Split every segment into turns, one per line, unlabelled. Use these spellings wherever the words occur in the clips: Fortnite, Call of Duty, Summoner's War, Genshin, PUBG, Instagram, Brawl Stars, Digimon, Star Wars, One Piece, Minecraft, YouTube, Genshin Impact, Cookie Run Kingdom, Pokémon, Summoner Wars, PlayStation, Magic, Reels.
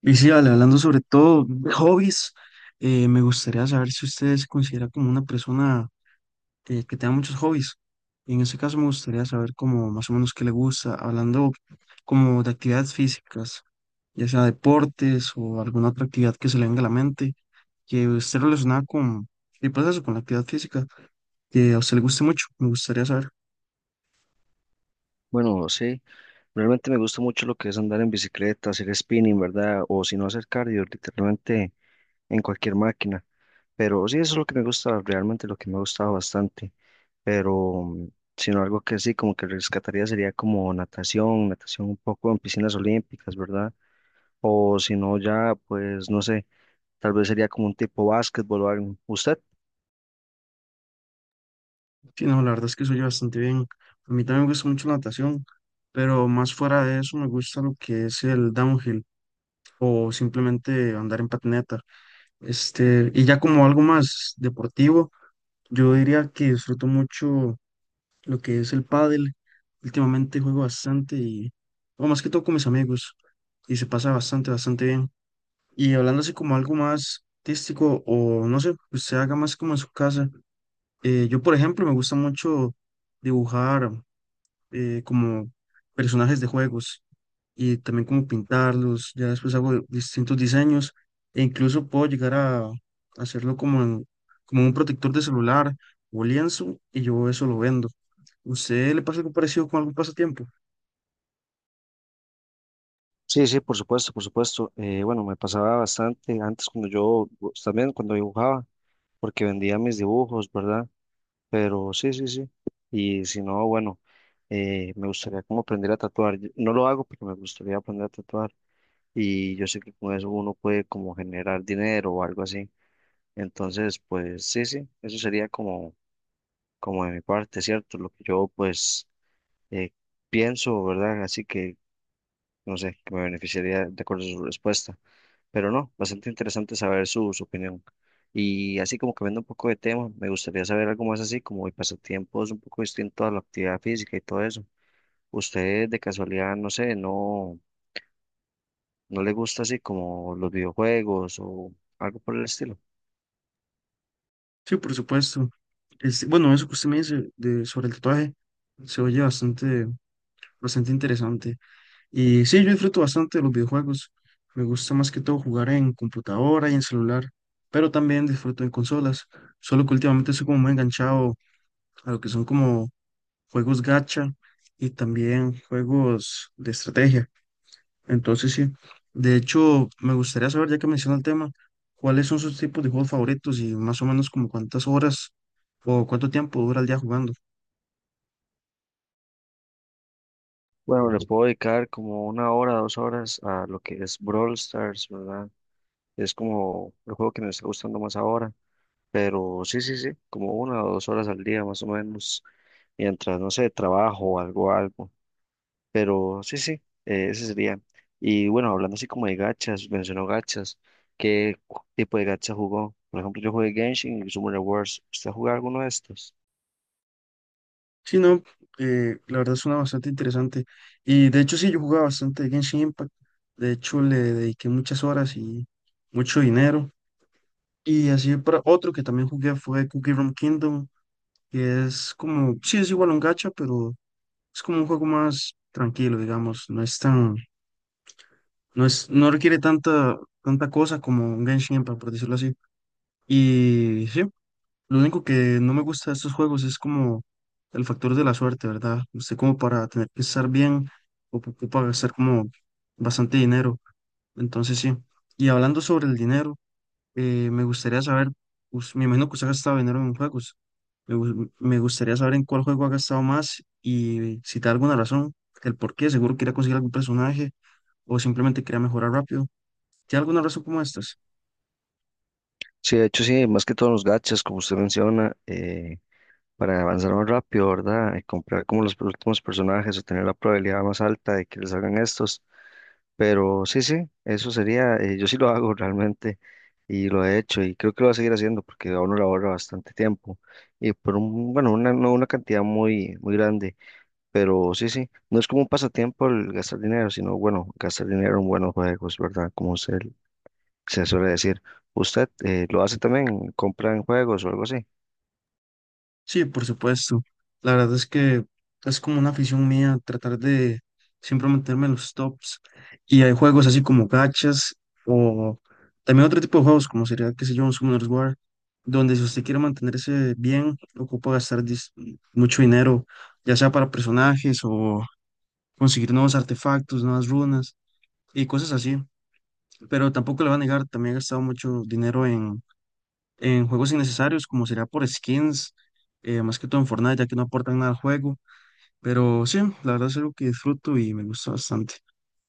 Y sí, Ale, hablando sobre todo de hobbies, me gustaría saber si usted se considera como una persona que tenga muchos hobbies. En ese caso me gustaría saber como más o menos qué le gusta, hablando como de actividades físicas, ya sea deportes o alguna otra actividad que se le venga a la mente, que esté relacionada con, y pues eso, con la actividad física, que a usted le guste mucho, me gustaría saber.
Bueno, sí, realmente me gusta mucho lo que es andar en bicicleta, hacer spinning, ¿verdad? O si no hacer cardio, literalmente en cualquier máquina. Pero sí, eso es lo que me gusta, realmente lo que me ha gustado bastante. Pero, sino algo que sí, como que rescataría sería como natación, natación un poco en piscinas olímpicas, ¿verdad? O si no, ya, pues, no sé, tal vez sería como un tipo básquetbol o algo. ¿Usted?
Sí, no, la verdad es que soy bastante bien. A mí también me gusta mucho la natación, pero más fuera de eso me gusta lo que es el downhill, o simplemente andar en patineta. Este, y ya como algo más deportivo, yo diría que disfruto mucho lo que es el pádel. Últimamente juego bastante y, o más que todo con mis amigos, y se pasa bastante, bastante bien. Y hablando así como algo más artístico o no sé, que usted haga más como en su casa. Yo, por ejemplo, me gusta mucho dibujar, como personajes de juegos y también como pintarlos, ya después hago distintos diseños e incluso puedo llegar a hacerlo como, como un protector de celular o lienzo y yo eso lo vendo. ¿Usted le pasa algo parecido con algún pasatiempo?
Sí, sí, por supuesto, por supuesto. Bueno, me pasaba bastante antes cuando yo, pues, también cuando dibujaba, porque vendía mis dibujos, ¿verdad? Pero sí, sí, sí. Y si no, bueno, me gustaría como aprender a tatuar. No lo hago, pero me gustaría aprender a tatuar. Y yo sé que con eso uno puede como generar dinero o algo así. Entonces, pues sí, sí, eso sería como, como de mi parte, ¿cierto? Lo que yo pues eh, pienso, ¿verdad? Así que, no sé, que me beneficiaría de acuerdo a su respuesta. Pero no, bastante interesante saber su opinión. Y así como cambiando un poco de tema, me gustaría saber algo más así, como mi pasatiempo es un poco distinto a la actividad física y todo eso. ¿Usted de casualidad, no sé, no le gusta así como los videojuegos o algo por el estilo?
Sí, por supuesto. Este, bueno, eso que usted me dice de, sobre el tatuaje se oye bastante, bastante interesante. Y sí, yo disfruto bastante de los videojuegos. Me gusta más que todo jugar en computadora y en celular, pero también disfruto en consolas. Solo que últimamente soy como muy enganchado a lo que son como juegos gacha y también juegos de estrategia. Entonces, sí, de hecho, me gustaría saber, ya que menciona el tema, cuáles son sus tipos de juegos favoritos y más o menos como cuántas horas o cuánto tiempo dura el día jugando.
Bueno, le puedo dedicar como una hora, dos horas a lo que es Brawl Stars, ¿verdad? Es como el juego que me está gustando más ahora, pero sí, sí, sí, como una o dos horas al día más o menos, mientras, no sé, trabajo o algo, algo. Pero sí, sí, ese sería. Y bueno, hablando así como de gachas, mencionó gachas, ¿ tipo de gacha jugó? Por ejemplo, yo jugué Genshin y Summoner Wars. ¿Usted jugó alguno de estos?
Sí, no, la verdad suena bastante interesante. Y de hecho, sí, yo jugaba bastante Genshin Impact. De hecho, le dediqué muchas horas y mucho dinero. Y así para otro que también jugué fue Cookie Run Kingdom, que es como, sí, es igual a un gacha, pero es como un juego más tranquilo, digamos. No es tan, no es, no requiere tanta, tanta cosa como un Genshin Impact, por decirlo así. Y sí, lo único que no me gusta de estos juegos es como el factor de la suerte, ¿verdad? Usted como para tener que estar bien o que ocupa gastar como bastante dinero. Entonces sí. Y hablando sobre el dinero, me gustaría saber, me imagino que usted ha gastado dinero en juegos. Me gustaría saber en cuál juego ha gastado más y si te da alguna razón, el por qué. Seguro quería conseguir algún personaje o simplemente quería mejorar rápido. ¿Tiene alguna razón como estas?
Sí, de hecho sí, más que todos los gachas, como usted menciona, para avanzar más rápido, ¿verdad? Y comprar como los últimos personajes o tener la probabilidad más alta de que les hagan estos. Pero sí, sí, eso sería, yo sí lo hago realmente y lo he hecho y creo que lo voy a seguir haciendo porque a uno le ahorra bastante tiempo y por un, bueno, una, no una cantidad muy, muy grande, pero sí, sí, no es como un pasatiempo el gastar dinero, sino bueno, gastar dinero en buenos juegos, ¿verdad? Como usted se suele decir. ¿Usted lo hace también? ¿Compra en juegos o algo así?
Sí, por supuesto. La verdad es que es como una afición mía tratar de siempre meterme en los tops. Y hay juegos así como gachas o también otro tipo de juegos como sería, qué sé yo, un Summoner's War, donde si usted quiere mantenerse bien, ocupa gastar mucho dinero, ya sea para personajes o conseguir nuevos artefactos, nuevas runas y cosas así. Pero tampoco le va a negar, también he gastado mucho dinero en juegos innecesarios, como sería por skins, más que todo en Fortnite, ya que no aportan nada al juego. Pero sí, la verdad es algo que disfruto y me gusta bastante.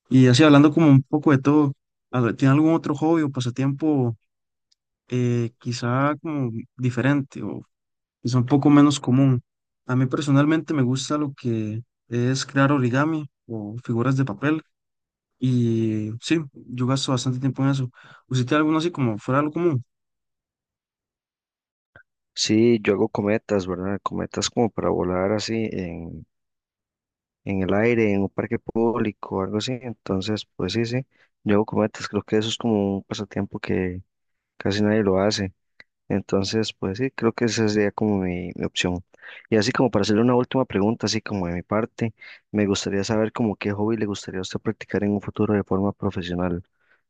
Y así hablando como un poco de todo, a ver, ¿tiene algún otro hobby o pasatiempo quizá como diferente o quizá un poco menos común? A mí personalmente me gusta lo que es crear origami o figuras de papel. Y sí, yo gasto bastante tiempo en eso. ¿Usted tiene alguno así como fuera de lo común?
Sí, yo hago cometas, ¿verdad? Cometas como para volar así en el aire, en un parque público o algo así. Entonces, pues sí, sí, yo hago cometas, creo que eso es como un pasatiempo que casi nadie lo hace. Entonces, pues sí, creo que esa sería como mi opción. Y así como para hacerle una última pregunta, así como de mi parte, me gustaría saber como qué hobby le gustaría a usted practicar en un futuro de forma profesional.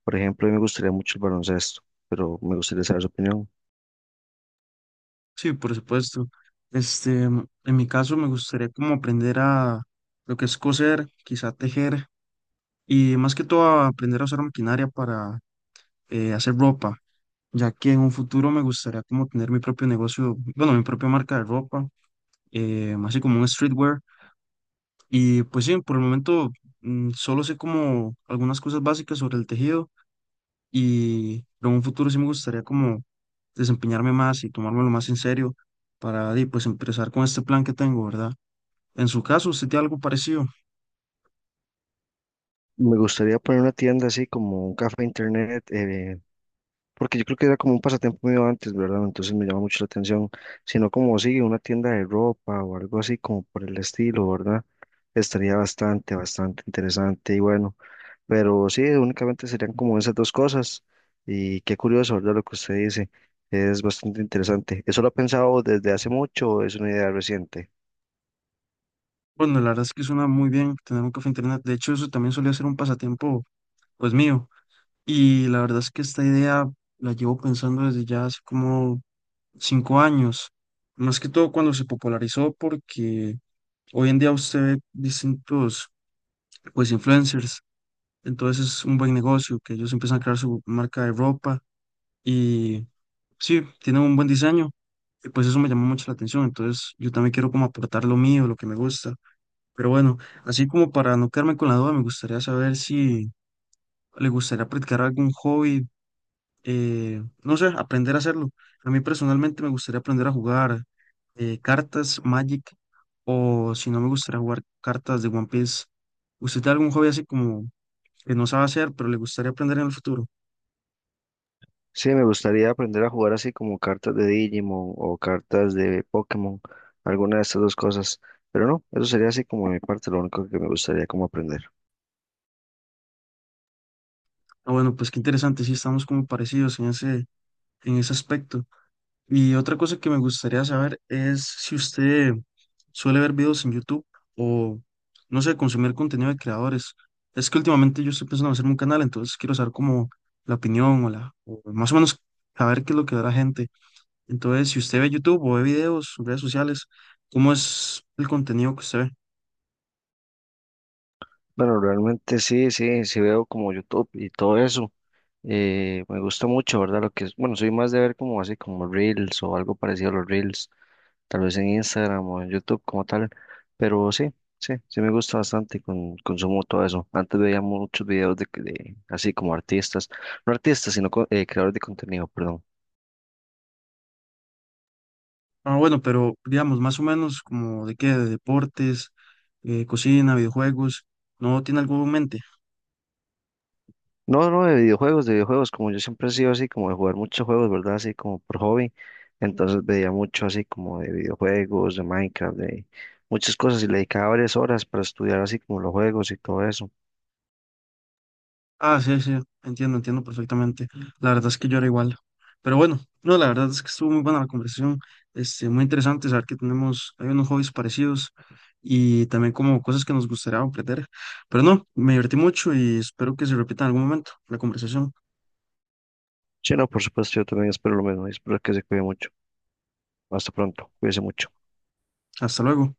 Por ejemplo, a mí me gustaría mucho el baloncesto, pero me gustaría saber su opinión.
Sí, por supuesto. Este, en mi caso me gustaría como aprender a lo que es coser, quizá tejer y más que todo a aprender a usar maquinaria para hacer ropa, ya que en un futuro me gustaría como tener mi propio negocio, bueno, mi propia marca de ropa, así como un streetwear. Y pues sí, por el momento solo sé como algunas cosas básicas sobre el tejido y pero en un futuro sí me gustaría como desempeñarme más y tomármelo más en serio para pues empezar con este plan que tengo, ¿verdad? En su caso, ¿usted tiene algo parecido?
Me gustaría poner una tienda así como un café internet, porque yo creo que era como un pasatiempo mío antes, ¿verdad? Entonces me llama mucho la atención, sino como sigue una tienda de ropa o algo así como por el estilo, ¿verdad? Estaría bastante, bastante interesante y bueno, pero sí, únicamente serían como esas dos cosas y qué curioso, ¿verdad? Lo que usted dice es bastante interesante. ¿Eso lo ha pensado desde hace mucho o es una idea reciente?
Bueno, la verdad es que suena muy bien tener un café internet. De hecho, eso también solía ser un pasatiempo pues mío. Y la verdad es que esta idea la llevo pensando desde ya hace como 5 años. Más que todo cuando se popularizó porque hoy en día usted ve distintos pues influencers. Entonces es un buen negocio que ellos empiezan a crear su marca de ropa y sí, tiene un buen diseño. Y pues eso me llamó mucho la atención. Entonces yo también quiero como aportar lo mío, lo que me gusta. Pero bueno, así como para no quedarme con la duda, me gustaría saber si le gustaría practicar algún hobby, no sé, aprender a hacerlo. A mí personalmente me gustaría aprender a jugar cartas, Magic, o si no me gustaría jugar cartas de One Piece. ¿Usted tiene algún hobby así como que no sabe hacer, pero le gustaría aprender en el futuro?
Sí, me gustaría aprender a jugar así como cartas de Digimon o cartas de Pokémon, alguna de estas dos cosas. Pero no, eso sería así como de mi parte, lo único que me gustaría como aprender.
Ah, bueno, pues qué interesante, sí estamos como parecidos en ese aspecto. Y otra cosa que me gustaría saber es si usted suele ver videos en YouTube o, no sé, consumir contenido de creadores. Es que últimamente yo estoy pensando en hacerme un canal, entonces quiero saber como la opinión o la, o más o menos saber qué es lo que da la gente. Entonces, si usted ve YouTube o ve videos, redes sociales, ¿cómo es el contenido que usted ve?
Bueno, realmente sí, sí, sí veo como YouTube y todo eso. Me gusta mucho, ¿verdad? Lo que es, bueno, soy más de ver como así como Reels o algo parecido a los Reels, tal vez en Instagram o en YouTube como tal, pero sí, sí, sí me gusta bastante, consumo todo eso. Antes veía muchos videos de así como artistas, no artistas, sino creadores de contenido, perdón.
Ah, bueno, pero digamos, más o menos como de qué, de deportes, cocina, videojuegos, ¿no tiene algo en mente?
No, no, de videojuegos, como yo siempre he sido así, como de jugar muchos juegos, ¿verdad? Así como por hobby, entonces veía mucho así como de videojuegos, de Minecraft, de muchas cosas y le dedicaba varias horas para estudiar así como los juegos y todo eso.
Ah, sí, sí, entiendo, entiendo perfectamente. La verdad es que yo era igual. Pero bueno, no, la verdad es que estuvo muy buena la conversación, este, muy interesante saber que tenemos, hay unos hobbies parecidos y también como cosas que nos gustaría aprender. Pero no, me divertí mucho y espero que se repita en algún momento la conversación.
Sí, no, por supuesto, yo también espero lo mismo y espero que se cuide mucho. Hasta pronto, cuídese mucho.
Hasta luego.